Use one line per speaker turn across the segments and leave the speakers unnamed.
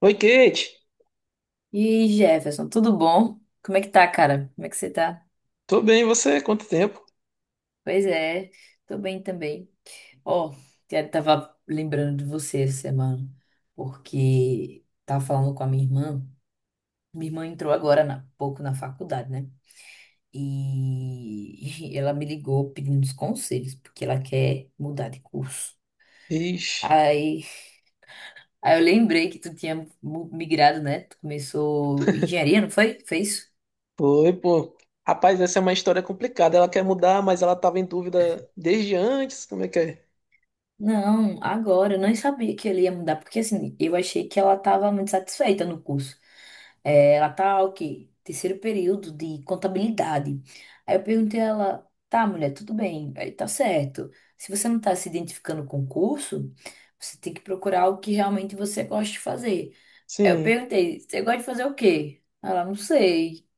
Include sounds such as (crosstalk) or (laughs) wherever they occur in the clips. Oi, Kate.
E aí, Jefferson, tudo bom? Como é que tá, cara? Como é que você tá?
Tô bem, e você? Quanto tempo?
Pois é, tô bem também. Ó, eu tava lembrando de você essa semana, porque tava falando com a minha irmã. Minha irmã entrou há pouco na faculdade, né? E (laughs) ela me ligou pedindo uns conselhos, porque ela quer mudar de curso.
Ixi,
Aí, aí eu lembrei que tu tinha migrado, né? Tu começou engenharia, não foi? Foi isso?
foi, pô. Rapaz, essa é uma história complicada. Ela quer mudar, mas ela tava em dúvida desde antes. Como é que é?
Não, agora, eu não sabia que ele ia mudar, porque assim, eu achei que ela estava muito satisfeita no curso. É, ela tá, o quê? Terceiro período de contabilidade. Aí eu perguntei a ela, tá, mulher, tudo bem, aí tá certo. Se você não tá se identificando com o curso, você tem que procurar o que realmente você gosta de fazer. Aí eu
Sim.
perguntei, você gosta de fazer o quê? Ela, não sei.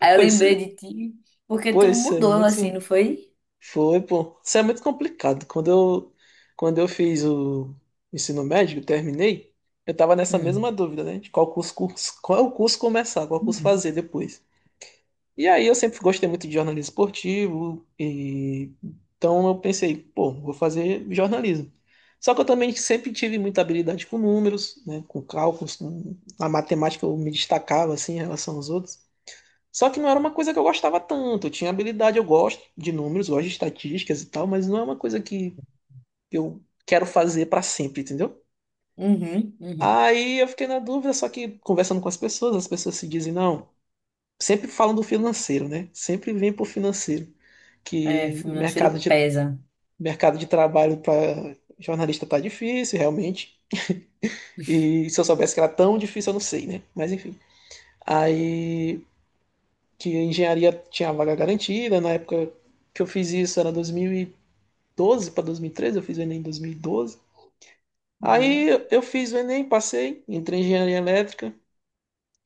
Aí eu
Pois,
lembrei de ti, porque tu
pois, é
mudou
muito.
assim, não foi?
Foi, pô. Isso é muito complicado. Quando eu fiz o ensino médio, eu terminei, eu tava nessa mesma
Hum.
dúvida, né? De qual curso, curso, qual curso começar, qual curso fazer
Uhum.
depois. E aí eu sempre gostei muito de jornalismo esportivo, e então eu pensei, pô, vou fazer jornalismo. Só que eu também sempre tive muita habilidade com números, né, com cálculos, com a matemática, eu me destacava assim em relação aos outros. Só que não era uma coisa que eu gostava tanto. Eu tinha habilidade, eu gosto de números, gosto de estatísticas e tal, mas não é uma coisa que eu quero fazer para sempre, entendeu?
Uhum.
Aí eu fiquei na dúvida, só que conversando com as pessoas se dizem, não, sempre falam do financeiro, né? Sempre vem pro financeiro.
É,
que
financeiro
mercado de,
pesa.
mercado de trabalho para jornalista tá difícil, realmente. E se eu soubesse que era tão difícil, eu não sei, né? Mas enfim. Aí que a engenharia tinha a vaga garantida, na época que eu fiz isso era 2012 para 2013, eu fiz o Enem em 2012.
Uhum.
Aí eu fiz o Enem, passei, entrei em engenharia elétrica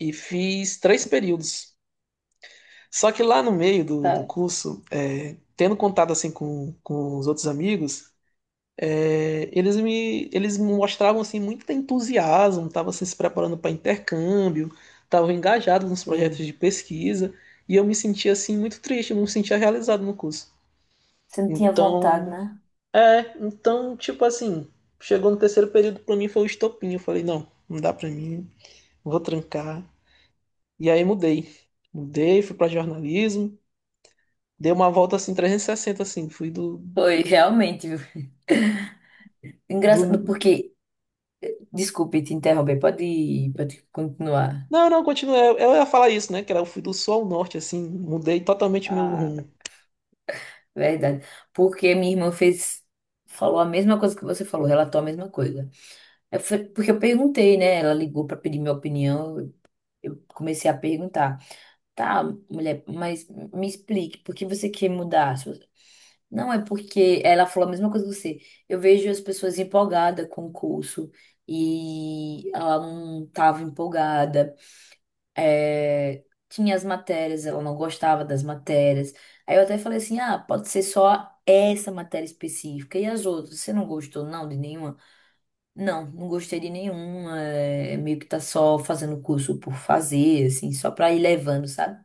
e fiz 3 períodos. Só que lá no meio do
É.
curso, é, tendo contato assim com os outros amigos, é, eles mostravam assim muito entusiasmo, estavam se preparando para intercâmbio, estavam engajados nos projetos
Hum.
de pesquisa e eu me sentia assim muito triste, eu não me sentia realizado no curso.
Você não tinha vontade,
Então,
né?
é, então tipo assim, chegou no terceiro período, para mim foi o estopim, eu falei não, não dá para mim, vou trancar. E aí mudei, mudei, fui para jornalismo, dei uma volta assim 360 assim, fui do,
Foi, realmente, viu? (laughs) Engraçado,
do.
porque. Desculpe te interromper, pode continuar.
Não, não, continua. Eu ia falar isso, né? Que era eu fui do sul ao norte, assim, mudei totalmente meu
Ah,
rumo.
verdade. Porque minha irmã fez. Falou a mesma coisa que você falou, relatou a mesma coisa. Porque eu perguntei, né? Ela ligou para pedir minha opinião. Eu comecei a perguntar. Tá, mulher, mas me explique, por que você quer mudar? Não é porque ela falou a mesma coisa que você. Eu vejo as pessoas empolgadas com o curso e ela não estava empolgada. É, tinha as matérias, ela não gostava das matérias. Aí eu até falei assim: ah, pode ser só essa matéria específica e as outras. Você não gostou, não, de nenhuma? Não, não gostei de nenhuma. Meio que tá só fazendo curso por fazer, assim, só pra ir levando, sabe?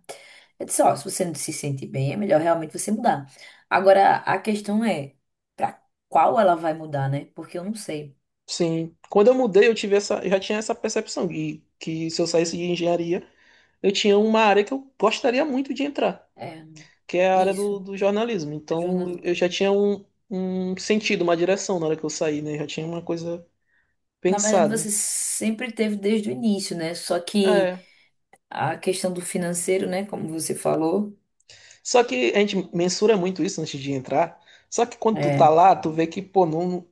Eu disse, ó, se você não se sente bem, é melhor realmente você mudar. Agora, a questão é pra qual ela vai mudar, né? Porque eu não sei.
Sim. Quando eu mudei, eu tive essa, eu já tinha essa percepção de que se eu saísse de engenharia, eu tinha uma área que eu gostaria muito de entrar,
É,
que é a área do,
isso,
do jornalismo. Então,
jornalismo.
eu já tinha um, um sentido, uma direção na hora que eu saí, né? Eu já tinha uma coisa
Na verdade, você
pensada.
sempre teve desde o início, né? Só que
É.
a questão do financeiro, né? Como você falou,
Só que a gente mensura muito isso antes de entrar. Só que quando tu tá
é,
lá, tu vê que, pô, não.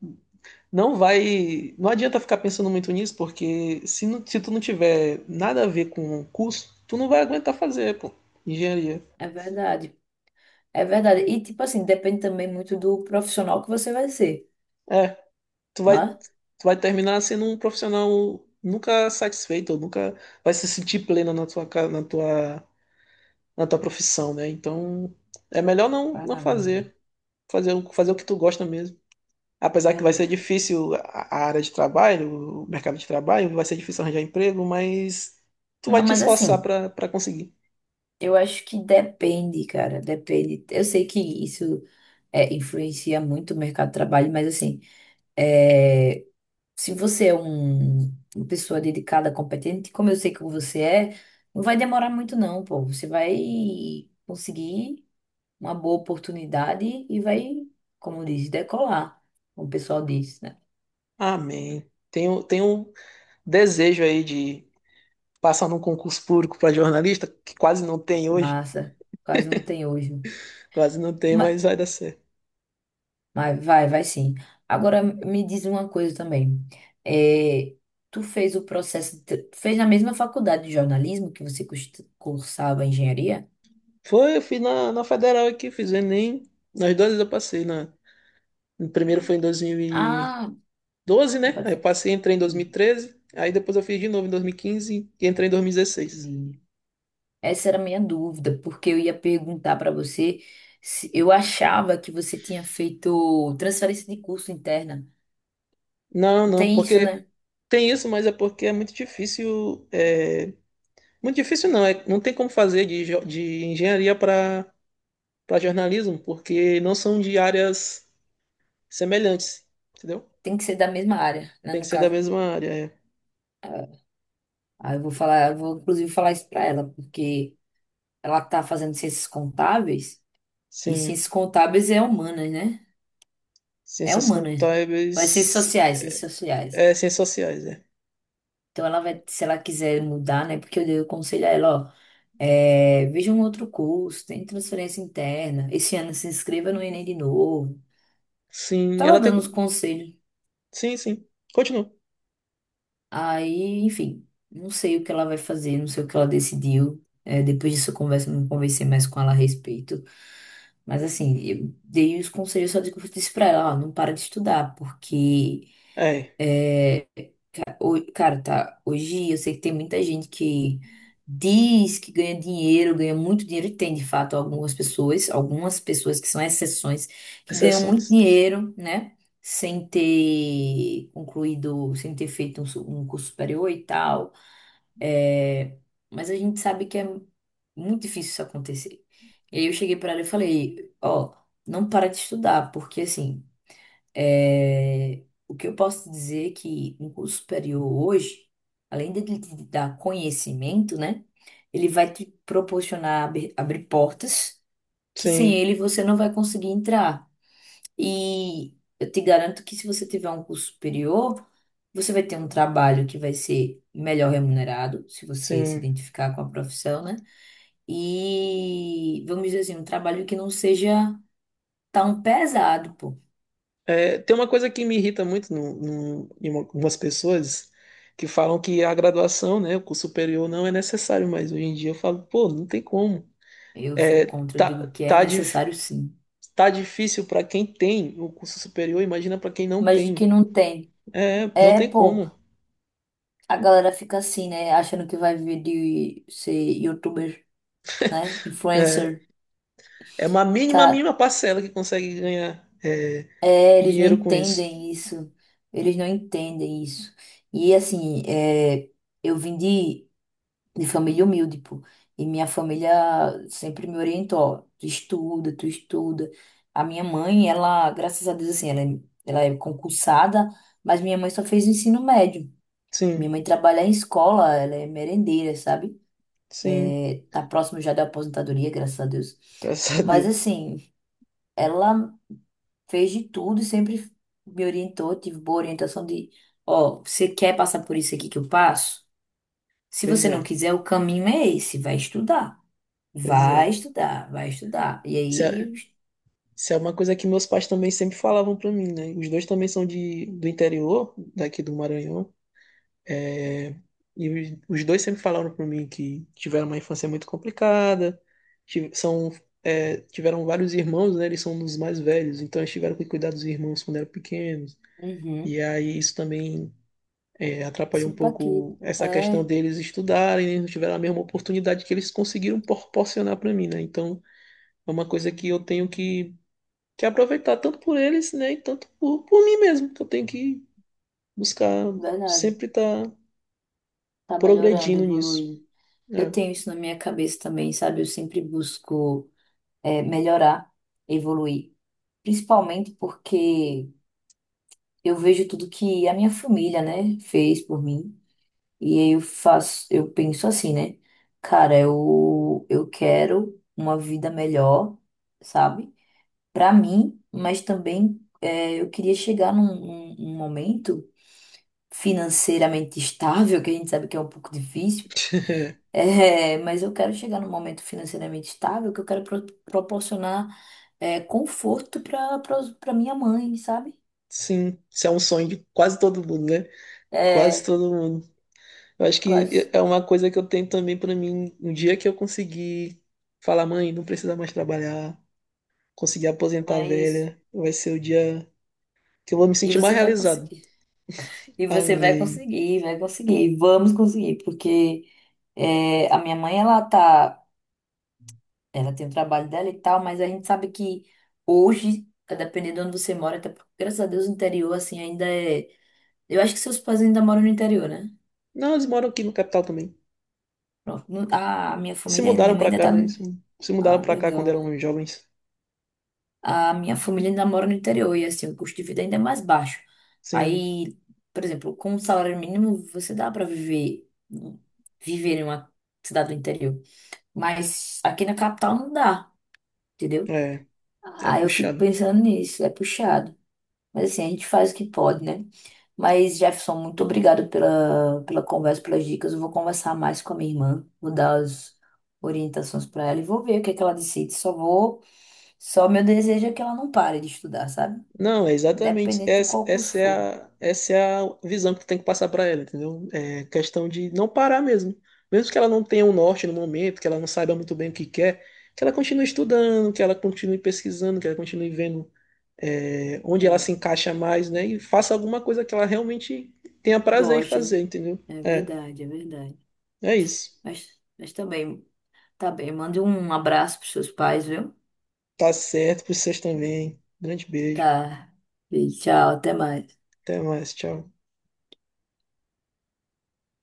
Não vai. Não adianta ficar pensando muito nisso, porque se, não- se tu não tiver nada a ver com o curso, tu não vai aguentar fazer, pô, engenharia.
é verdade. É verdade. E, tipo assim, depende também muito do profissional que você vai ser.
É, tu
Né?
vai terminar sendo um profissional nunca satisfeito, ou nunca vai se sentir pleno na tua, ca- na tua profissão, né? Então, é melhor não, não
Caralho,
fazer, fazer, o- fazer o que tu gosta mesmo. Apesar que vai ser
verdade.
difícil a área de trabalho, o mercado de trabalho, vai ser difícil arranjar emprego, mas tu vai
Não,
te
mas
esforçar
assim,
para conseguir.
eu acho que depende, cara, depende. Eu sei que isso influencia muito o mercado de trabalho, mas assim, é, se você é uma pessoa dedicada, competente, como eu sei que você é, não vai demorar muito não, pô. Você vai conseguir uma boa oportunidade e vai, como diz, decolar, como o pessoal diz, né?
Amém. Tenho, tenho um desejo aí de passar num concurso público para jornalista, que quase não tem hoje,
Massa, quase não tem hoje.
quase não tem,
Ma-
mas vai dar certo.
Vai, vai, vai sim. Agora me diz uma coisa também. É, tu fez o processo, tu fez na mesma faculdade de jornalismo que você cursava engenharia?
Foi, eu fiz na, na Federal aqui, fiz o Enem, nas duas vezes eu passei, na, no primeiro foi em dois mil e
Ah,
doze, né?
pode
Aí eu
falar.
passei, entrei em dois mil e
Hum,
treze. Aí depois eu fiz de novo em 2015 e entrei em 2016.
Entendi. Essa era a minha dúvida, porque eu ia perguntar para você se eu achava que você tinha feito transferência de curso interna.
Não,
Não
não,
tem isso,
porque
né?
tem isso, mas é porque é, muito difícil não, é, não tem como fazer de, jo- de engenharia para jornalismo, porque não são de áreas semelhantes, entendeu?
Tem que ser da mesma área, né,
Tem que
no
ser da
caso.
mesma área, é.
Ah, eu vou falar, eu vou inclusive falar isso para ela, porque ela tá fazendo ciências contábeis. E
Sim.
ciências contábeis é humanas, né? É
Ciências
humanas. Vai ser
contábeis,
sociais, ciências sociais.
é, ciências sociais, é.
Então ela vai, se ela quiser mudar, né? Porque eu dei o conselho a ela, ó, veja um outro curso, tem transferência interna. Esse ano se inscreva no Enem de novo.
Sim,
Tava
ela tem.
dando uns conselhos.
Sim, sim. Continua.
Aí, enfim, não sei o que ela vai fazer, não sei o que ela decidiu. É, depois disso eu converso, não conversei mais com ela a respeito. Mas assim, eu dei os conselhos só de que eu disse pra ela, ó, não para de estudar, porque
É,
Cara, tá. Hoje eu sei que tem muita gente que diz que ganha dinheiro, ganha muito dinheiro, e tem de fato algumas pessoas que são exceções, que ganham muito
exceções.
dinheiro, né? Sem ter concluído, sem ter feito um curso superior e tal. É, mas a gente sabe que é muito difícil isso acontecer. E aí eu cheguei pra ela e falei: ó, não para de estudar, porque assim. É, o que eu posso dizer é que um curso superior hoje, além de ele te dar conhecimento, né, ele vai te proporcionar abrir portas que sem
Sim,
ele você não vai conseguir entrar. E eu te garanto que se você tiver um curso superior, você vai ter um trabalho que vai ser melhor remunerado, se você se
sim.
identificar com a profissão, né? E vamos dizer assim, um trabalho que não seja tão pesado, pô.
É, tem uma coisa que me irrita muito no, no, em uma- algumas pessoas que falam que a graduação, né, o curso superior não é necessário, mas hoje em dia eu falo, pô, não tem como.
Eu sou
É,
contra, eu
tá,
digo que é
tá, de.
necessário sim.
Tá difícil para quem tem o curso superior, imagina para quem não
Mas de
tem.
que não tem.
É, não
É,
tem
pô,
como.
a galera fica assim, né? Achando que vai viver de ser youtuber, né?
É,
Influencer.
é uma mínima,
Cara,
mínima parcela que consegue ganhar é,
é, eles não
dinheiro com isso.
entendem isso. Eles não entendem isso. E assim, é, eu vim de, de família humilde, pô. E minha família sempre me orientou. Ó, tu estuda, tu estuda. A minha mãe, ela, graças a Deus, assim, ela é concursada, mas minha mãe só fez o ensino médio. Minha
Sim,
mãe trabalha em escola, ela é merendeira, sabe?
sim,
Tá próximo já da aposentadoria, graças a Deus.
graças a
Mas
Deus.
assim, ela fez de tudo e sempre me orientou, tive boa orientação de, ó, você quer passar por isso aqui que eu passo? Se
Pois
você não
é,
quiser, o caminho é esse, vai estudar.
pois
Vai
é.
estudar, vai estudar. E
Isso
aí,
é, isso é uma coisa que meus pais também sempre falavam para mim, né? Os dois também são de, do interior, daqui do Maranhão. E os dois sempre falaram para mim que tiveram uma infância muito complicada, tive- são, é, tiveram vários irmãos, né? Eles são um dos mais velhos, então eles tiveram que cuidar dos irmãos quando eram pequenos.
uhum,
E aí isso também é, atrapalhou um
supa aqui.
pouco essa questão
É,
deles estudarem, eles não tiveram a mesma oportunidade que eles conseguiram proporcionar para mim, né? Então é uma coisa que eu tenho que aproveitar tanto por eles, né? E tanto por mim mesmo, que eu tenho que buscar
verdade.
sempre estar
Tá melhorando,
progredindo nisso.
evoluindo. Eu
Né?
tenho isso na minha cabeça também, sabe? Eu sempre busco melhorar, evoluir. Principalmente porque eu vejo tudo que a minha família, né, fez por mim. E aí eu faço, eu penso assim, né? Cara, eu quero uma vida melhor, sabe? Pra mim, mas também é, eu queria chegar num momento financeiramente estável, que a gente sabe que é um pouco difícil.
(laughs)
É, mas eu quero chegar num momento financeiramente estável que eu quero proporcionar é, conforto pra minha mãe, sabe?
Sim, isso é um sonho de quase todo mundo, né? Quase
É,
todo mundo. Eu acho que
quase.
é uma coisa que eu tenho também pra mim. Um dia que eu conseguir falar, mãe, não precisa mais trabalhar, conseguir aposentar a
Mas.
velha, vai ser o dia que eu vou me
E
sentir mais
você vai
realizado.
conseguir. E você vai
Amém.
conseguir, vai conseguir. Vamos conseguir, porque é, a minha mãe, ela tá, ela tem o trabalho dela e tal, mas a gente sabe que hoje, dependendo de onde você mora, até porque, graças a Deus, o interior, assim, ainda é. Eu acho que seus pais ainda moram no interior, né?
Não, eles moram aqui no capital também.
Pronto. A minha
Se
família, minha
mudaram
mãe
pra
ainda
cá,
tá.
né? Se mudaram
Ah,
pra cá quando
legal.
eram jovens.
A minha família ainda mora no interior e assim, o custo de vida ainda é mais baixo.
Sim,
Aí, por exemplo, com um salário mínimo, você dá para viver em uma cidade do interior, mas aqui na capital não dá, entendeu?
é, é
Aí eu fico
puxado.
pensando nisso, é puxado. Mas assim, a gente faz o que pode, né? Mas, Jefferson, muito obrigado pela conversa, pelas dicas. Eu vou conversar mais com a minha irmã, vou dar as orientações para ela e vou ver o que é que ela decide. Só meu desejo é que ela não pare de estudar, sabe?
Não, é exatamente.
Independente de
Essa,
qual curso for.
essa é a visão que tu tem que passar para ela, entendeu? É questão de não parar mesmo. Mesmo que ela não tenha um norte no momento, que ela não saiba muito bem o que quer, que ela continue estudando, que ela continue pesquisando, que ela continue vendo, é, onde ela se
É,
encaixa mais, né? E faça alguma coisa que ela realmente tenha prazer em
gosto, né?
fazer, entendeu?
É
É,
verdade, é verdade.
é isso.
Mas também, tá bem. Mande um abraço pros seus pais, viu?
Tá certo para vocês também. Grande beijo.
Tá. E tchau, até mais.
Até mais. Tchau.